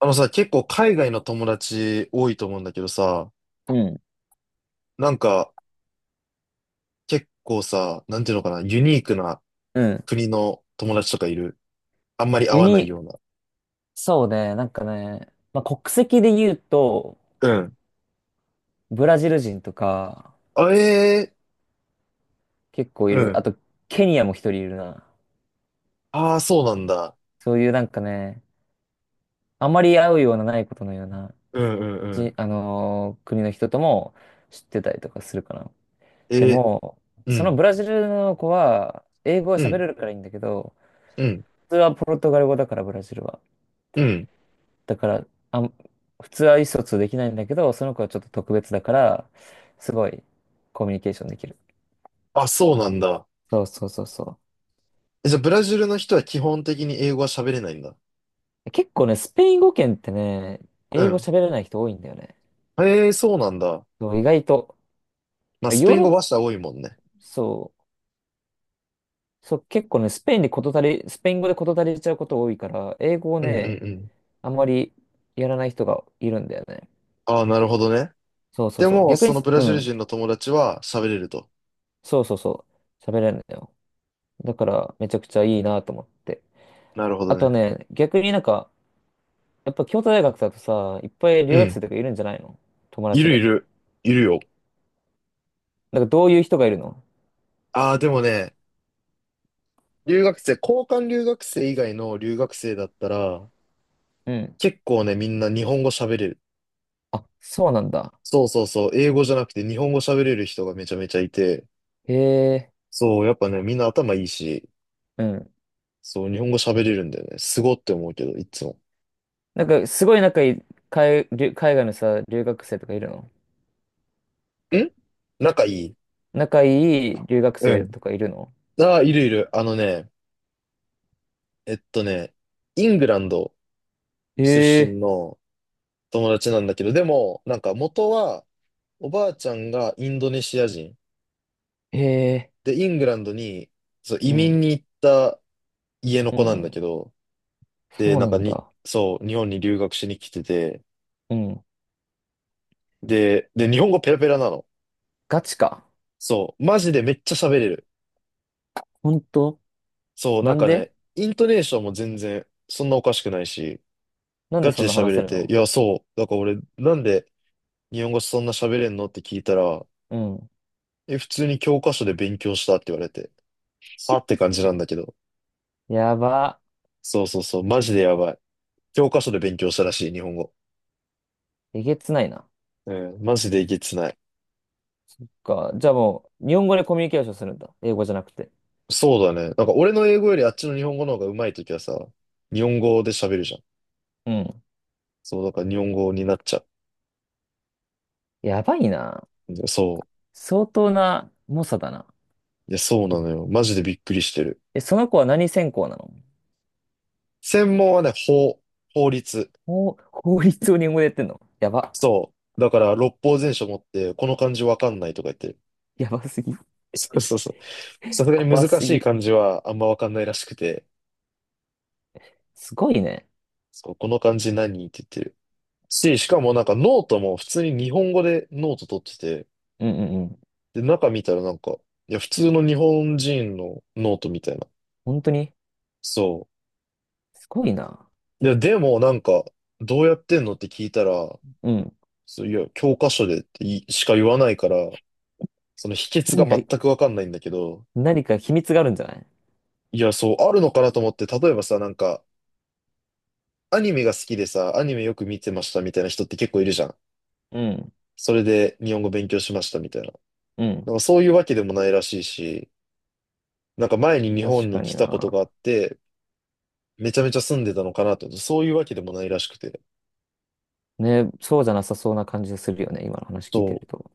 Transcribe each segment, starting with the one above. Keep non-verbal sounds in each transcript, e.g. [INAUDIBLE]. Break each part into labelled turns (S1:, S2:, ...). S1: あのさ、結構海外の友達多いと思うんだけどさ、
S2: うん。
S1: なんか結構さ、なんていうのかな、ユニークな
S2: うん。
S1: 国の友達とかいる？あんまり会
S2: ユ
S1: わないよ
S2: ニ、
S1: うな。
S2: そうね、なんかね、まあ、国籍で言うと、
S1: うん。
S2: ブラジル人とか、
S1: あ、ええ、
S2: 結構い
S1: う
S2: る。あ
S1: ん。
S2: と、ケニアも一人いるな。
S1: ああ、そうなんだ。
S2: そういうなんかね、あまり会うようなないことのような、
S1: うんうんう
S2: じ、
S1: ん。
S2: あのー国の人とも知ってたりとかするかな。で
S1: ええ、
S2: も、
S1: う
S2: そのブ
S1: ん、
S2: ラジルの子は、英語は
S1: う
S2: 喋
S1: ん、
S2: れるからいいんだけど、
S1: うん、
S2: 普通はポルトガル語だから、ブラジルは。
S1: うん。
S2: だから、普通は意思疎通できないんだけど、その子はちょっと特別だから、すごいコミュニケーションできる。
S1: あ、そうなんだ。
S2: そうそうそうそ
S1: え、じゃあブラジルの人は基本的に英語は喋れないんだ。
S2: う。結構ね、スペイン語圏ってね、
S1: う
S2: 英語
S1: ん。
S2: 喋れない人多いんだよね。
S1: ええ、そうなんだ。
S2: そう意外と。
S1: まあ、ス
S2: ヨ
S1: ペ
S2: ー
S1: イン
S2: ロッ
S1: 語
S2: パ、
S1: 話者多いもんね。
S2: そう、そう、結構ね、スペイン語で事足りちゃうこと多いから、英語を
S1: うんうん
S2: ね、
S1: うん。
S2: あんまりやらない人がいるんだよね。
S1: ああ、なるほどね。
S2: そうそ
S1: で
S2: うそう。
S1: も、
S2: 逆
S1: そ
S2: に、
S1: のブラ
S2: う
S1: ジル
S2: ん、
S1: 人の友達は喋れると。
S2: そうそうそう。喋れるんだよ。だから、めちゃくちゃいいなと思って。
S1: なるほど
S2: あと
S1: ね。
S2: ね、逆になんか、やっぱ京都大学だとさ、いっぱい
S1: う
S2: 留学生
S1: ん。
S2: とかいるんじゃないの？友
S1: い
S2: 達
S1: るい
S2: で。
S1: る。いるよ。
S2: なんかどういう人がいるの？
S1: ああ、でもね、留学生、交換留学生以外の留学生だったら、
S2: うん。
S1: 結構ね、みんな日本語喋れる。
S2: あ、そうなんだ。
S1: そうそうそう、英語じゃなくて日本語喋れる人がめちゃめちゃいて、
S2: へえ。
S1: そう、やっぱね、みんな頭いいし、
S2: うん。
S1: そう、日本語喋れるんだよね。すごって思うけど、いつも。
S2: なんかすごい仲いい海外のさ、留学生とかいるの？
S1: ん仲いい？
S2: 仲いい留学
S1: う
S2: 生
S1: ん。
S2: とかいるの？
S1: ああ、いるいる。あのね、えっとね、イングランド
S2: へ
S1: 出身
S2: え。
S1: の友達なんだけど、でも、なんか元はおばあちゃんがインドネシア人。
S2: へえ。
S1: で、イングランドに、そう、移
S2: うん。
S1: 民に行った家の
S2: う
S1: 子なんだ
S2: ん。
S1: けど、で、
S2: そう
S1: なん
S2: な
S1: か
S2: ん
S1: に、
S2: だ。
S1: そう、日本に留学しに来てて、
S2: うん。
S1: で、日本語ペラペラなの。
S2: ガチか。
S1: そう、マジでめっちゃ喋れる。
S2: ほんと？
S1: そう、な
S2: な
S1: ん
S2: ん
S1: か
S2: で
S1: ね、イントネーションも全然、そんなおかしくないし、
S2: なんで
S1: ガ
S2: そ
S1: チ
S2: ん
S1: で
S2: な話
S1: 喋
S2: せ
S1: れ
S2: る
S1: て、い
S2: の？
S1: や、そう、だから俺、なんで日本語そんな喋れんのって聞いたら、
S2: うん。
S1: え、普通に教科書で勉強したって言われて、さって感じなんだけど、
S2: やば。
S1: そうそうそう、マジでやばい。教科書で勉強したらしい、日本語。
S2: えげつないな。
S1: うん、マジでいけつない。
S2: か。じゃあもう、日本語でコミュニケーションするんだ。英語じゃなくて。
S1: そうだね。なんか俺の英語よりあっちの日本語の方が上手いときはさ、日本語で喋るじゃん。
S2: うん。
S1: そう、だから日本語になっちゃ
S2: やばいな。
S1: う。でそ
S2: 相当な猛者だな。
S1: う。いや、そうな
S2: え、
S1: のよ。マジでびっくりしてる。
S2: その子は何専攻なの？
S1: 専門はね、法律。
S2: 法律を日本語でやってんの？やば。
S1: そう。だから六法全書持って、この漢字わかんないとか言ってる。
S2: やばすぎ。
S1: そうそうそう。さすがに
S2: 怖
S1: 難
S2: す
S1: しい
S2: ぎ。
S1: 漢字はあんまわかんないらしくて、
S2: すごいね。
S1: そう、この漢字何って言ってる。しかもなんかノートも普通に日本語でノート取ってて、
S2: うんうんうん。
S1: で、中見たらなんか、いや、普通の日本人のノートみたいな。
S2: 本当に。
S1: そ
S2: すごいな。
S1: う。いや、でもなんか、どうやってんのって聞いたら、
S2: うん。
S1: そういや、教科書でっていしか言わないから、その秘訣が
S2: 何か、
S1: 全くわかんないんだけど、
S2: 何か秘密があるんじゃない？
S1: いや、そう、あるのかなと思って、例えばさ、なんか、アニメが好きでさ、アニメよく見てましたみたいな人って結構いるじゃん。
S2: うん。
S1: それで日本語勉強しましたみたいな。
S2: うん。
S1: なんかそういうわけでもないらしいし、なんか前に日
S2: 確
S1: 本に
S2: か
S1: 来
S2: に
S1: たことが
S2: な。
S1: あって、めちゃめちゃ住んでたのかなと思って、そういうわけでもないらしくて。
S2: ね、そうじゃなさそうな感じするよね。今の話聞いて
S1: そ
S2: ると。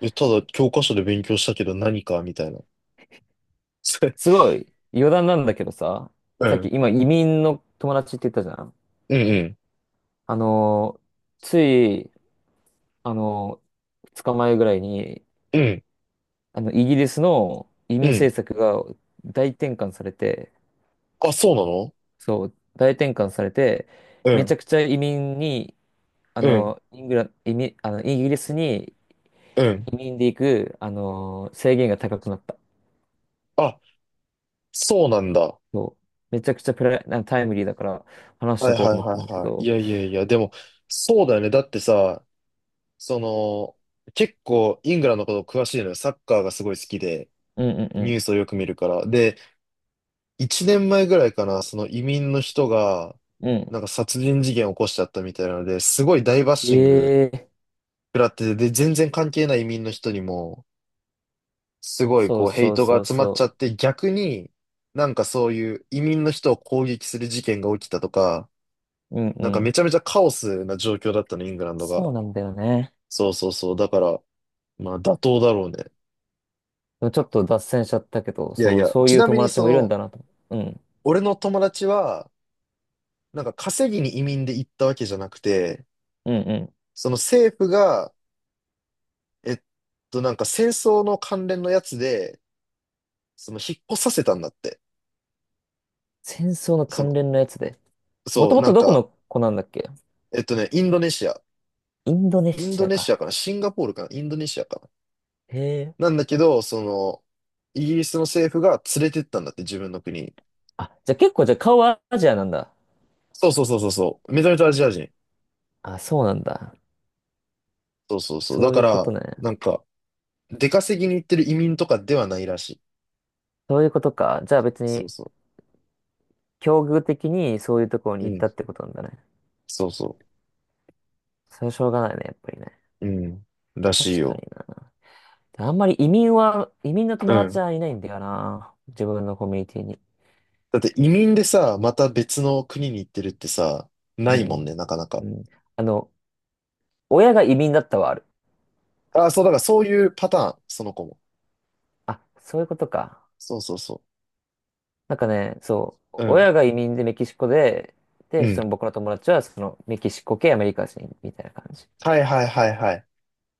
S1: うえ、ただ教科書で勉強したけど何かみたいな。
S2: す
S1: [LAUGHS]
S2: ごい。余談なんだけどさ。
S1: う
S2: さっき
S1: ん。
S2: 今移民の友達って言ったじゃん。
S1: うん
S2: あのーついあの、2日前ぐらいに、
S1: うん。うん。
S2: イギリスの移
S1: う
S2: 民
S1: ん。
S2: 政策が大転換されて、
S1: あ、そうなの？
S2: そう、大転換されて、
S1: う
S2: めち
S1: ん。
S2: ゃくちゃ移民に、あ
S1: うん。
S2: の、イングラ、移民、あの、イギリスに
S1: うん。
S2: 移民で行く、制限が高くなった。
S1: あ、そうなんだ。
S2: そう。めちゃくちゃプライ、なタイムリーだから話し
S1: は
S2: と
S1: い
S2: こう
S1: は
S2: と
S1: い
S2: 思っ
S1: は
S2: たんだ
S1: い
S2: け
S1: はい。い
S2: ど、
S1: やいやいや、でも、そうだよね。だってさ、その、結構イングランドのこと詳しいのよ。サッカーがすごい好きで、
S2: うんう
S1: ニュ
S2: ん
S1: ースをよく見るから。で、1年前ぐらいかな、その移民の人が、
S2: うん。うん。
S1: なんか殺人事件を起こしちゃったみたいなので、すごい大バッシング
S2: ええ
S1: 食らってて、で、全然関係ない移民の人にも、すごい
S2: そ
S1: こ
S2: う
S1: うヘイ
S2: そう
S1: ト
S2: そ
S1: が
S2: う
S1: 集まっちゃ
S2: そ
S1: って逆に、なんかそういう移民の人を攻撃する事件が起きたとか、
S2: う。うんう
S1: なんかめ
S2: ん。
S1: ちゃめちゃカオスな状況だったの、イングランド
S2: そ
S1: が。
S2: うなんだよね。
S1: そうそうそう。だから、まあ妥当だろうね。
S2: でもちょっと脱線しちゃったけど、
S1: いやい
S2: そう、
S1: や、
S2: そう
S1: ち
S2: いう
S1: なみ
S2: 友
S1: に
S2: 達
S1: そ
S2: もいるん
S1: の、
S2: だなと。うん。
S1: 俺の友達は、なんか稼ぎに移民で行ったわけじゃなくて、
S2: うんうん。
S1: その政府が、えっなんか戦争の関連のやつで、その引っ越させたんだって。
S2: 戦争の
S1: そ
S2: 関
S1: の、
S2: 連のやつで。も
S1: そ
S2: と
S1: う、
S2: も
S1: な
S2: と
S1: ん
S2: どこ
S1: か、
S2: の子なんだっけ？
S1: インドネシア。
S2: インドネ
S1: イン
S2: シ
S1: ド
S2: ア
S1: ネシ
S2: か。
S1: アかなシンガポールかなインドネシアか
S2: へえ。
S1: ななんだけど、その、イギリスの政府が連れてったんだって、自分の国に。
S2: あ、じゃあ顔はアジアなんだ。
S1: そうそうそうそうそう。めちゃめちゃアジア人。
S2: あ、そうなんだ。
S1: そうそうそう。だ
S2: そうい
S1: か
S2: うこと
S1: ら、
S2: ね。
S1: なんか、出稼ぎに行ってる移民とかではないらしい。
S2: そういうことか。じゃあ別
S1: そう
S2: に、
S1: そ
S2: 境遇的にそういうところに
S1: う。う
S2: 行ったっ
S1: ん。
S2: てことなんだね。
S1: そうそ
S2: それはしょうがないね、やっぱりね。
S1: う。うん。らしい
S2: 確かに
S1: よ。
S2: な。あんまり移民の
S1: う
S2: 友達
S1: ん。
S2: はいないんだよな。自分のコミュニティに。
S1: だって移民でさ、また別の国に行ってるってさ、な
S2: う
S1: いも
S2: ん。
S1: んね、なかなか。
S2: うん。あの、親が移民だったはある。
S1: ああ、そう、だからそういうパターン、その子も。
S2: あ、そういうことか。
S1: そうそうそ
S2: なんかね、そう、
S1: う。うん。
S2: 親が移民でメキシコで、
S1: う
S2: で、
S1: ん。
S2: その僕の友達はそのメキシコ系アメリカ人みたいな感じ。
S1: はいはいはいはい。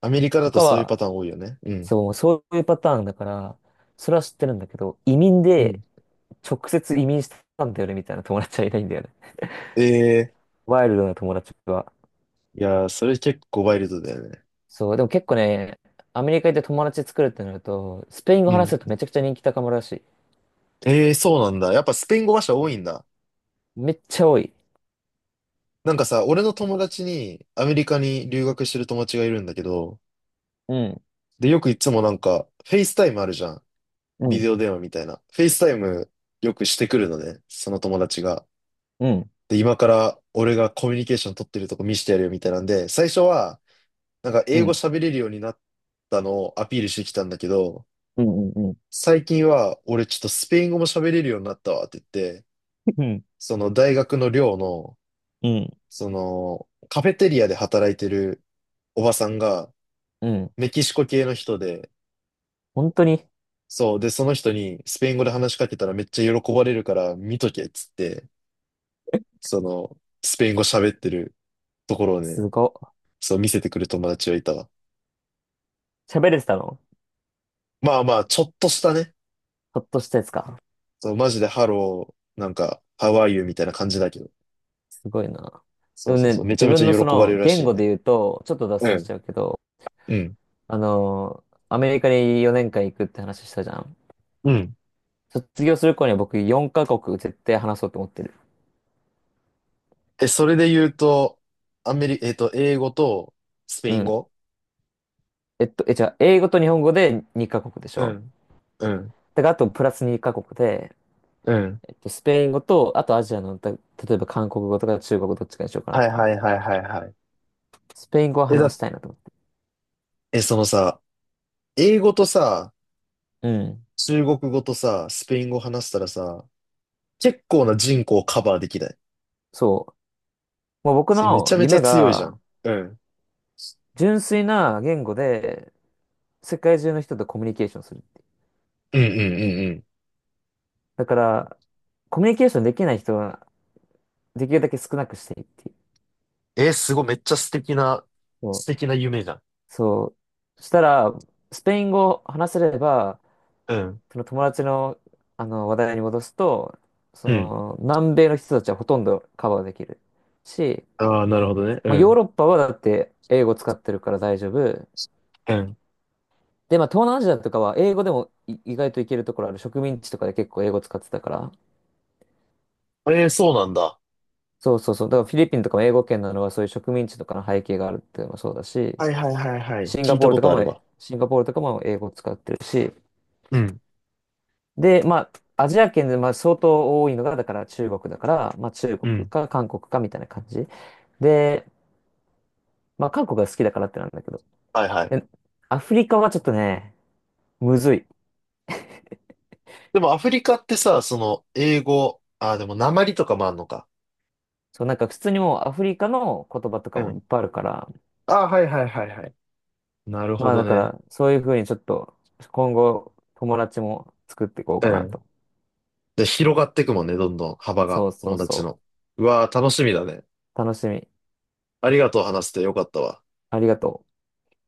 S1: アメリカだ
S2: と
S1: と
S2: か
S1: そういうパ
S2: は、
S1: ターン多いよね。うん。
S2: そう、そういうパターンだから、それは知ってるんだけど、移民
S1: う
S2: で
S1: ん。
S2: 直接移民したんだよねみたいな友達はいないんだよね。
S1: ええー、
S2: ワイルドな友達は。
S1: いやー、それ結構ワイルドだよね。
S2: そう、でも結構ね、アメリカ行って友達作るってなると、スペイン語
S1: う
S2: 話
S1: ん。
S2: せるとめちゃくちゃ人気高まるらしい。
S1: ええー、そうなんだ。やっぱスペイン語話者多いんだ。
S2: めっちゃ多い。
S1: なんかさ、俺の友達にアメリカに留学してる友達がいるんだけど、
S2: うん、
S1: で、よくいつもなんか、フェイスタイムあるじゃん。
S2: う
S1: ビ
S2: ん、
S1: デオ電話みたいな。フェイスタイムよくしてくるのね、その友達が。
S2: うん、
S1: で、今から俺がコミュニケーション取ってるとこ見せてやるよみたいなんで、最初は、なんか
S2: う
S1: 英語
S2: ん、
S1: 喋れるようになったのをアピールしてきたんだけど、
S2: うん、うん、うん、うん、
S1: 最近は、俺ちょっとスペイン語も喋れるようになったわって言って、
S2: うん。
S1: その大学の寮の、
S2: うん
S1: その、カフェテリアで働いてるおばさんが、
S2: うん。
S1: メキシコ系の人で、
S2: 本当に、
S1: そう、で、その人にスペイン語で話しかけたらめっちゃ喜ばれるから見とけっつって、その、スペイン語喋ってるところを
S2: す
S1: ね、
S2: ごっ。
S1: そう見せてくる友達がいたわ。
S2: 喋れてたの？
S1: まあまあ、ちょっとしたね、
S2: ちょっとしたやつか。
S1: そう、マジでハロー、なんか、ハワイユみたいな感じだけど。
S2: すごいな。で
S1: そう
S2: も
S1: そうそ
S2: ね、
S1: う、めちゃ
S2: 自
S1: め
S2: 分
S1: ち
S2: の
S1: ゃ
S2: そ
S1: 喜ばれ
S2: の
S1: るら
S2: 言
S1: しい
S2: 語
S1: ね。
S2: で言うと、ちょっと脱
S1: う
S2: 線し
S1: ん。
S2: ちゃうけど、
S1: うん。
S2: アメリカに4年間行くって話したじゃん。
S1: うん
S2: 卒業する頃には僕4カ国絶対話そうと思ってる。
S1: え、それで言うと、アメリ、英語とスペ
S2: う
S1: イン
S2: ん。
S1: 語
S2: じゃあ、英語と日本語で2カ国でし
S1: う
S2: ょ？
S1: ん。うん。
S2: だからあとプラス2カ国で、
S1: うん。
S2: スペイン語と、あとアジアの、例えば韓国語とか中国語どっちかにしようかなっ
S1: はい
S2: て思
S1: は
S2: っ
S1: い
S2: てる。
S1: はいはいはい。
S2: スペイン語は
S1: え、
S2: 話
S1: だ、
S2: したいなと思って
S1: え、そのさ、英語とさ、
S2: る。うん。
S1: 中国語とさ、スペイン語話したらさ、結構な人口をカバーできない？
S2: そう。もう僕
S1: それめ
S2: の
S1: ちゃめち
S2: 夢
S1: ゃ強いじゃ
S2: が、
S1: ん。うん。
S2: 純粋な言語で、世界中の人とコミュニケーションするっていう。
S1: うんうんうんうん。
S2: だから、コミュニケーションできない人は、できるだけ少なくしていいっていう。
S1: え、すごい、めっちゃ素敵な、
S2: そ
S1: 素
S2: う。
S1: 敵な夢じゃん。
S2: そうしたら、スペイン語を話せれば、
S1: うん。
S2: その友達の、あの話題に戻すと、そ
S1: うん。
S2: の、南米の人たちはほとんどカバーできるし、
S1: ああ、なるほどね。う
S2: まあ、ヨー
S1: ん。
S2: ロッパはだって英語使ってるから大丈夫。
S1: うん。
S2: で、まあ、東南アジアとかは英語でも意外といけるところある。植民地とかで結構英語使ってたから。
S1: えー、そうなんだ。
S2: そうそうそう。だからフィリピンとかも英語圏なのはそういう植民地とかの背景があるっていうのもそうだし、
S1: はいはいはいはい。聞いたことあるわ。
S2: シンガポールとかも英語を使ってるし、
S1: うん。
S2: で、まあ、アジア圏でまあ相当多いのが、だから中国だから、まあ中
S1: う
S2: 国
S1: ん。
S2: か韓国かみたいな感じ。で、まあ韓国が好きだからってなんだけど。
S1: はいはい。
S2: で、アフリカはちょっとね、むずい。
S1: でもアフリカってさ、その、英語、ああ、でも訛りとかもあんのか。
S2: そう、なんか普通にもうアフリカの言葉とか
S1: う
S2: もい
S1: ん。
S2: っぱいあるから、
S1: ああ、はいはいはいはい。なるほ
S2: まあ
S1: ど
S2: だか
S1: ね。
S2: らそういうふうにちょっと今後友達も作っていこう
S1: う
S2: かな
S1: ん。
S2: と。
S1: で、広がっていくもんね、どんどん幅
S2: そ
S1: が、
S2: うそ
S1: 友
S2: う
S1: 達
S2: そ
S1: の。
S2: う。
S1: うわあ、楽しみだね。
S2: 楽しみ。
S1: ありがとう、話してよかったわ。
S2: ありがとう。